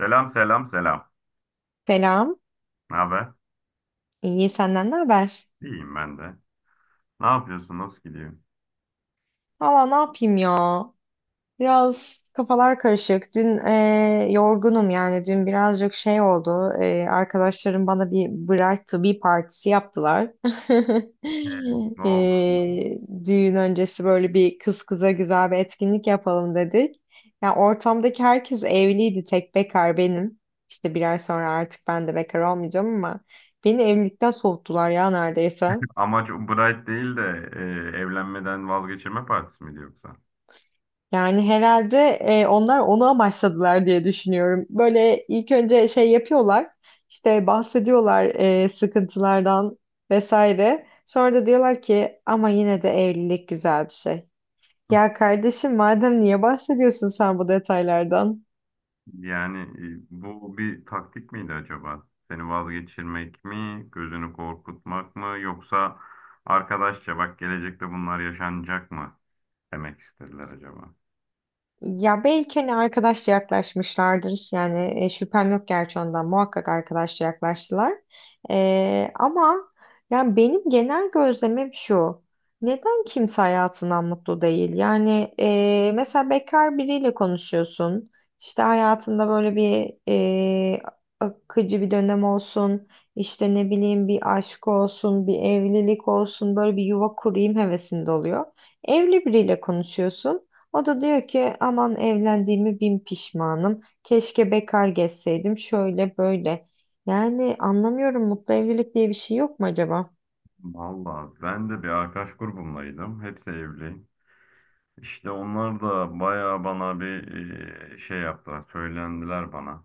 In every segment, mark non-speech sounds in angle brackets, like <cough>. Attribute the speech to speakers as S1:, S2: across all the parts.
S1: Selam selam selam.
S2: Selam.
S1: Ne haber?
S2: İyi senden ne haber?
S1: İyiyim ben de. Ne yapıyorsun? Nasıl gidiyor?
S2: Valla ne yapayım ya? Biraz kafalar karışık. Dün yorgunum yani. Dün birazcık şey oldu. Arkadaşlarım bana bir Bright to be partisi yaptılar. <laughs>
S1: Ne oldu? <laughs>
S2: Eee, düğün öncesi böyle bir kız kıza güzel bir etkinlik yapalım dedik. Ya ortamdaki herkes evliydi. Tek bekar benim. İşte bir ay sonra artık ben de bekar olmayacağım ama beni evlilikten soğuttular ya neredeyse.
S1: Amaç Bright değil de evlenmeden vazgeçirme partisi miydi yoksa?
S2: Yani herhalde onlar onu amaçladılar diye düşünüyorum. Böyle ilk önce şey yapıyorlar, işte bahsediyorlar sıkıntılardan vesaire. Sonra da diyorlar ki ama yine de evlilik güzel bir şey. Ya kardeşim madem niye bahsediyorsun sen bu detaylardan?
S1: Yani bu bir taktik miydi acaba? Seni vazgeçirmek mi, gözünü korkutmak mı, yoksa arkadaşça bak, gelecekte bunlar yaşanacak mı demek istediler acaba?
S2: Ya belki hani arkadaşça yaklaşmışlardır. Yani şüphem yok gerçi ondan. Muhakkak arkadaşça yaklaştılar. Ama yani benim genel gözlemim şu. Neden kimse hayatından mutlu değil? Yani mesela bekar biriyle konuşuyorsun. İşte hayatında böyle bir e, akıcı bir dönem olsun. İşte ne bileyim bir aşk olsun, bir evlilik olsun. Böyle bir yuva kurayım hevesinde oluyor. Evli biriyle konuşuyorsun. O da diyor ki aman evlendiğimi bin pişmanım. Keşke bekar gezseydim şöyle böyle. Yani anlamıyorum mutlu evlilik diye bir şey yok mu acaba?
S1: Vallahi ben de bir arkadaş grubumdaydım. Hepsi evli. İşte onlar da bayağı bana bir şey yaptılar, söylendiler bana.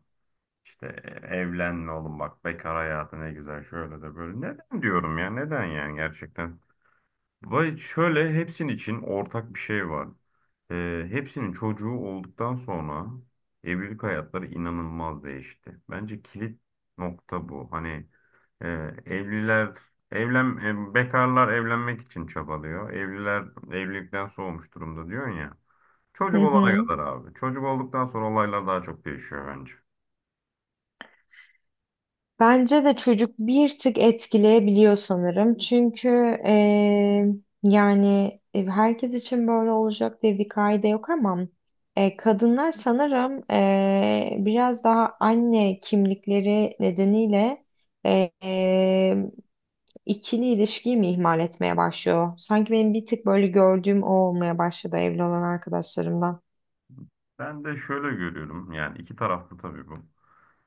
S1: İşte evlenme oğlum, bak bekar hayatı ne güzel, şöyle de böyle. Neden diyorum ya, neden yani, gerçekten. Vay, şöyle hepsinin için ortak bir şey var. Hepsinin çocuğu olduktan sonra evlilik hayatları inanılmaz değişti. Bence kilit nokta bu. Hani e, evliler evlen bekarlar evlenmek için çabalıyor. Evliler evlilikten soğumuş durumda diyorsun ya.
S2: Hı
S1: Çocuk olana
S2: hı.
S1: kadar abi. Çocuk olduktan sonra olaylar daha çok değişiyor bence.
S2: Bence de çocuk bir tık etkileyebiliyor sanırım. Çünkü eee, yani herkes için böyle olacak diye bir kaide yok ama kadınlar sanırım biraz daha anne kimlikleri nedeniyle eee ikili ilişkiyi mi ihmal etmeye başlıyor? Sanki benim bir tık böyle gördüğüm o olmaya başladı evli olan arkadaşlarımdan.
S1: Ben de şöyle görüyorum. Yani iki taraflı tabii bu.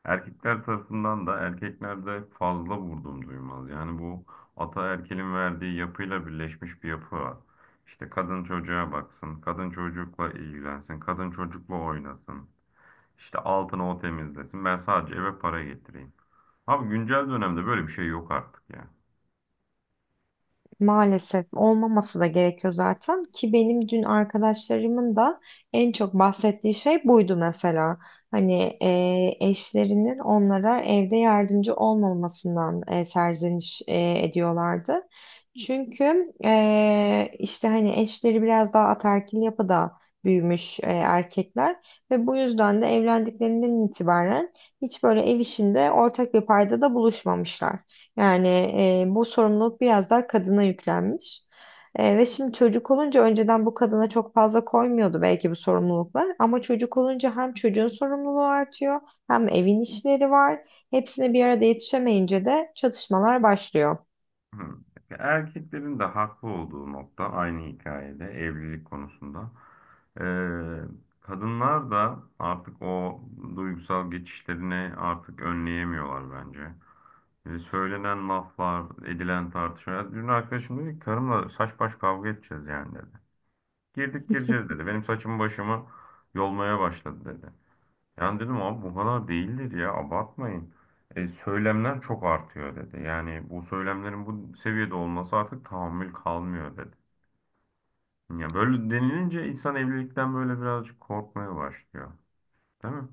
S1: Erkekler tarafından da erkeklerde fazla vurdum duymaz. Yani bu ataerkilin verdiği yapıyla birleşmiş bir yapı var. İşte kadın çocuğa baksın, kadın çocukla ilgilensin, kadın çocukla oynasın. İşte altını o temizlesin. Ben sadece eve para getireyim. Abi güncel dönemde böyle bir şey yok artık ya.
S2: Maalesef olmaması da gerekiyor zaten ki benim dün arkadaşlarımın da en çok bahsettiği şey buydu mesela. Hani eşlerinin onlara evde yardımcı olmamasından serzeniş ediyorlardı. Çünkü işte hani eşleri biraz daha ataerkil yapıda büyümüş erkekler ve bu yüzden de evlendiklerinden itibaren hiç böyle ev işinde ortak bir paydada buluşmamışlar. Yani bu sorumluluk biraz daha kadına yüklenmiş. Ve şimdi çocuk olunca önceden bu kadına çok fazla koymuyordu belki bu sorumluluklar. Ama çocuk olunca hem çocuğun sorumluluğu artıyor hem evin işleri var. Hepsine bir arada yetişemeyince de çatışmalar başlıyor.
S1: Hı. Erkeklerin de haklı olduğu nokta aynı hikayede evlilik konusunda. Ee, Kadınlar da artık o duygusal geçişlerini artık önleyemiyorlar bence. Söylenen laflar, edilen tartışmalar. Dün arkadaşım dedi ki karımla saç baş kavga edeceğiz yani dedi. Girdik gireceğiz dedi. Benim saçımı başımı yolmaya başladı dedi. Yani dedim, abi bu kadar değildir ya, abartmayın. Söylemler çok artıyor dedi. Yani bu söylemlerin bu seviyede olması artık tahammül kalmıyor dedi. Ya böyle denilince insan evlilikten böyle birazcık korkmaya başlıyor. Değil mi?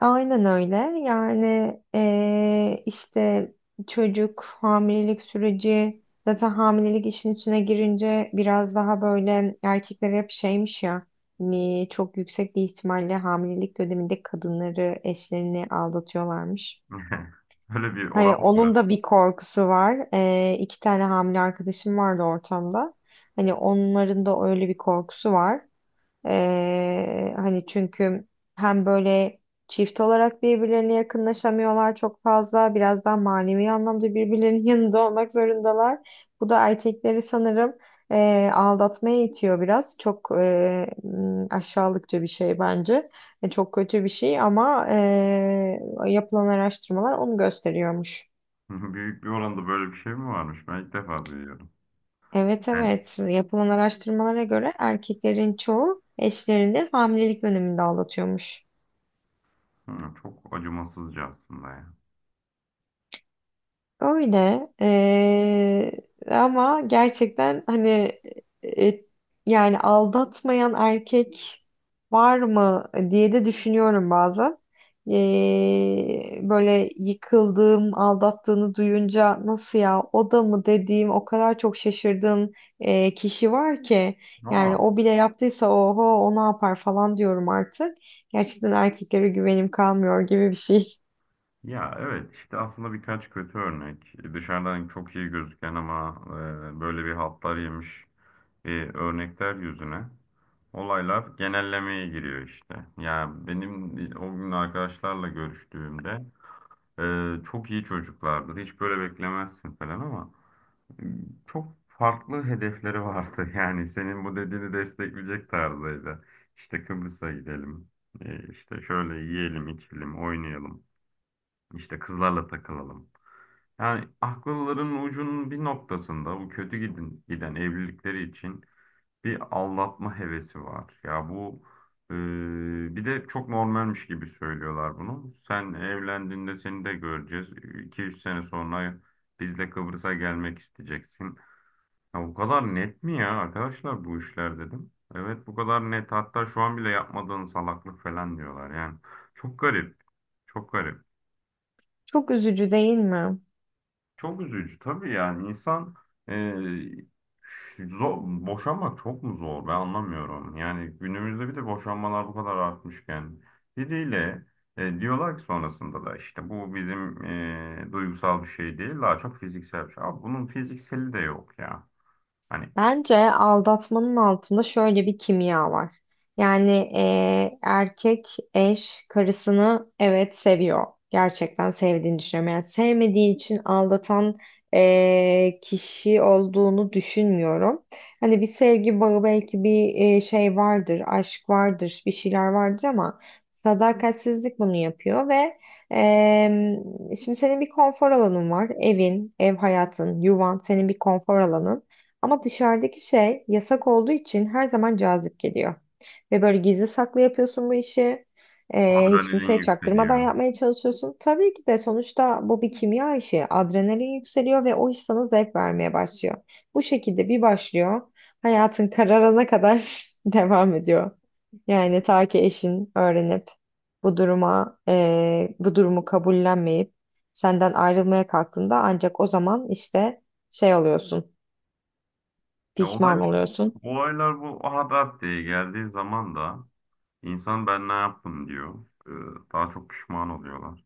S2: Aynen öyle. Yani işte çocuk hamilelik süreci zaten hamilelik işin içine girince biraz daha böyle erkekler hep şeymiş ya hani çok yüksek bir ihtimalle hamilelik döneminde kadınları eşlerini aldatıyorlarmış.
S1: <laughs> Böyle bir oran
S2: Hani
S1: mı
S2: onun
S1: var?
S2: da bir korkusu var. İki tane hamile arkadaşım vardı ortamda. Hani onların da öyle bir korkusu var. Hani çünkü hem böyle çift olarak birbirlerine yakınlaşamıyorlar çok fazla. Biraz daha manevi anlamda birbirlerinin <laughs> yanında olmak zorundalar. Bu da erkekleri sanırım aldatmaya itiyor biraz. Çok aşağılıkça bir şey bence. Çok kötü bir şey ama yapılan araştırmalar onu gösteriyormuş.
S1: <laughs> Büyük bir oranda böyle bir şey mi varmış? Ben ilk defa duyuyorum.
S2: Evet
S1: Yani,
S2: evet yapılan araştırmalara göre erkeklerin çoğu eşlerini hamilelik döneminde aldatıyormuş.
S1: hı, çok acımasızca aslında ya.
S2: Öyle ama gerçekten hani e, yani aldatmayan erkek var mı diye de düşünüyorum bazen. Böyle yıkıldığım, aldattığını duyunca nasıl ya o da mı dediğim o kadar çok şaşırdığım kişi var ki yani
S1: Aa,
S2: o bile yaptıysa oho o ne yapar falan diyorum artık. Gerçekten erkeklere güvenim kalmıyor gibi bir şey. <laughs>
S1: ya evet, işte aslında birkaç kötü örnek. Dışarıdan çok iyi gözüken ama böyle bir haltlar yemiş örnekler yüzüne, olaylar genellemeye giriyor işte. Yani benim o gün arkadaşlarla görüştüğümde e, çok iyi çocuklardı. Hiç böyle beklemezsin falan ama e, çok farklı hedefleri vardı. <laughs> Yani senin bu dediğini destekleyecek tarzdaydı. İşte Kıbrıs'a gidelim. E, işte şöyle yiyelim, içelim, oynayalım. İşte kızlarla takılalım. Yani akılların ucunun bir noktasında bu kötü giden evlilikleri için bir aldatma hevesi var. Ya bu bir de çok normalmiş gibi söylüyorlar bunu. Sen evlendiğinde seni de göreceğiz. İki üç sene sonra biz de Kıbrıs'a gelmek isteyeceksin. Ya bu kadar net mi ya arkadaşlar bu işler dedim. Evet, bu kadar net. Hatta şu an bile yapmadığın salaklık falan diyorlar yani. Çok garip. Çok garip.
S2: Çok üzücü değil mi?
S1: Çok üzücü tabii, yani insan, boşanmak çok mu zor, ben anlamıyorum. Yani günümüzde bir de boşanmalar bu kadar artmışken, biriyle diyorlar ki sonrasında da işte bu bizim duygusal bir şey değil, daha çok fiziksel bir şey. Abi bunun fizikseli de yok ya. Hani
S2: Bence aldatmanın altında şöyle bir kimya var. Yani erkek eş karısını evet seviyor. Gerçekten sevdiğini düşünüyorum. Yani sevmediği için aldatan kişi olduğunu düşünmüyorum. Hani bir sevgi bağı belki bir şey vardır, aşk vardır, bir şeyler vardır ama sadakatsizlik bunu yapıyor ve eee, şimdi senin bir konfor alanın var. Evin, ev hayatın, yuvan senin bir konfor alanın. Ama dışarıdaki şey yasak olduğu için her zaman cazip geliyor. Ve böyle gizli saklı yapıyorsun bu işi. Hiç
S1: adrenalin
S2: kimseye çaktırmadan
S1: yükseliyor.
S2: yapmaya çalışıyorsun. Tabii ki de sonuçta bu bir kimya işi. Adrenalin yükseliyor ve o iş sana zevk vermeye başlıyor. Bu şekilde bir başlıyor. Hayatın kararına kadar <laughs> devam ediyor. Yani ta ki eşin öğrenip bu duruma, bu durumu kabullenmeyip senden ayrılmaya kalktığında ancak o zaman işte şey oluyorsun.
S1: Ya
S2: Pişman
S1: olaylar,
S2: oluyorsun.
S1: olaylar bu adat diye geldiği zaman da insan ben ne yaptım diyor. E, Daha çok pişman oluyorlar.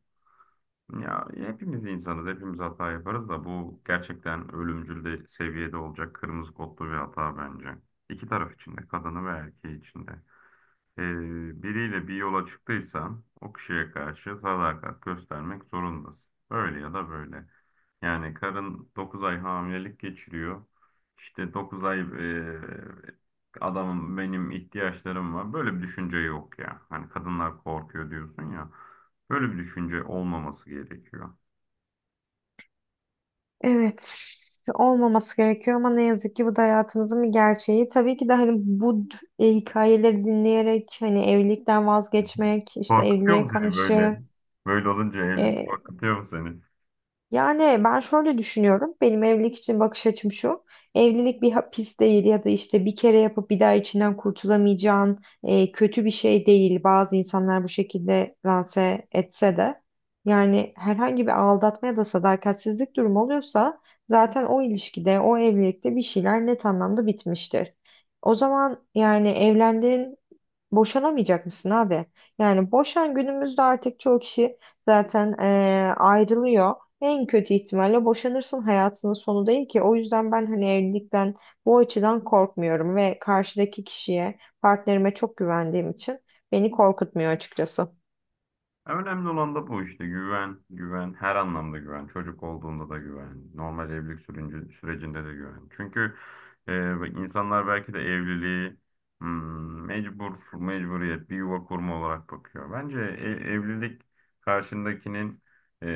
S1: Ya hepimiz insanız, hepimiz hata yaparız da, bu gerçekten ölümcül de seviyede olacak, kırmızı kodlu bir hata bence. İki taraf için de, kadını ve erkeği için de. Biriyle bir yola çıktıysan o kişiye karşı sadakat göstermek zorundasın. Öyle ya da böyle. Yani karın 9 ay hamilelik geçiriyor. İşte 9 ay, adamın benim ihtiyaçlarım var, böyle bir düşünce yok ya. Hani kadınlar korkuyor diyorsun ya. Böyle bir düşünce olmaması gerekiyor.
S2: Evet, olmaması gerekiyor ama ne yazık ki bu da hayatımızın bir gerçeği. Tabii ki de hani hikayeleri dinleyerek hani evlilikten vazgeçmek, işte
S1: Korkutuyor
S2: evliliğe
S1: mu seni böyle?
S2: karşı
S1: Böyle olunca evlilik
S2: e,
S1: korkutuyor mu seni?
S2: yani ben şöyle düşünüyorum. Benim evlilik için bakış açım şu. Evlilik bir hapis değil ya da işte bir kere yapıp bir daha içinden kurtulamayacağın kötü bir şey değil. Bazı insanlar bu şekilde lanse etse de. Yani herhangi bir aldatma ya da sadakatsizlik durumu oluyorsa zaten o ilişkide, o evlilikte bir şeyler net anlamda bitmiştir. O zaman yani evlendin. Boşanamayacak mısın abi? Yani boşan günümüzde artık çoğu kişi zaten ayrılıyor. En kötü ihtimalle boşanırsın hayatının sonu değil ki. O yüzden ben hani evlilikten bu açıdan korkmuyorum ve karşıdaki kişiye, partnerime çok güvendiğim için beni korkutmuyor açıkçası.
S1: Ya, önemli olan da bu işte: güven, güven, her anlamda güven. Çocuk olduğunda da güven, normal evlilik sürecinde de güven. Çünkü bak, insanlar belki de evliliği mecburiyet, bir yuva kurma olarak bakıyor. Bence evlilik karşındakinin e,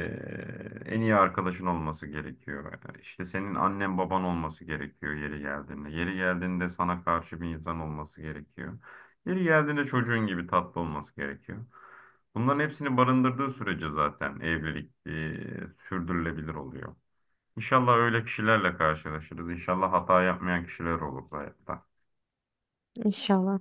S1: en iyi arkadaşın olması gerekiyor. İşte senin annen baban olması gerekiyor yeri geldiğinde. Yeri geldiğinde sana karşı bir insan olması gerekiyor. Yeri geldiğinde çocuğun gibi tatlı olması gerekiyor. Bunların hepsini barındırdığı sürece zaten evlilik sürdürülebilir oluyor. İnşallah öyle kişilerle karşılaşırız. İnşallah hata yapmayan kişiler olur hayatta.
S2: İnşallah.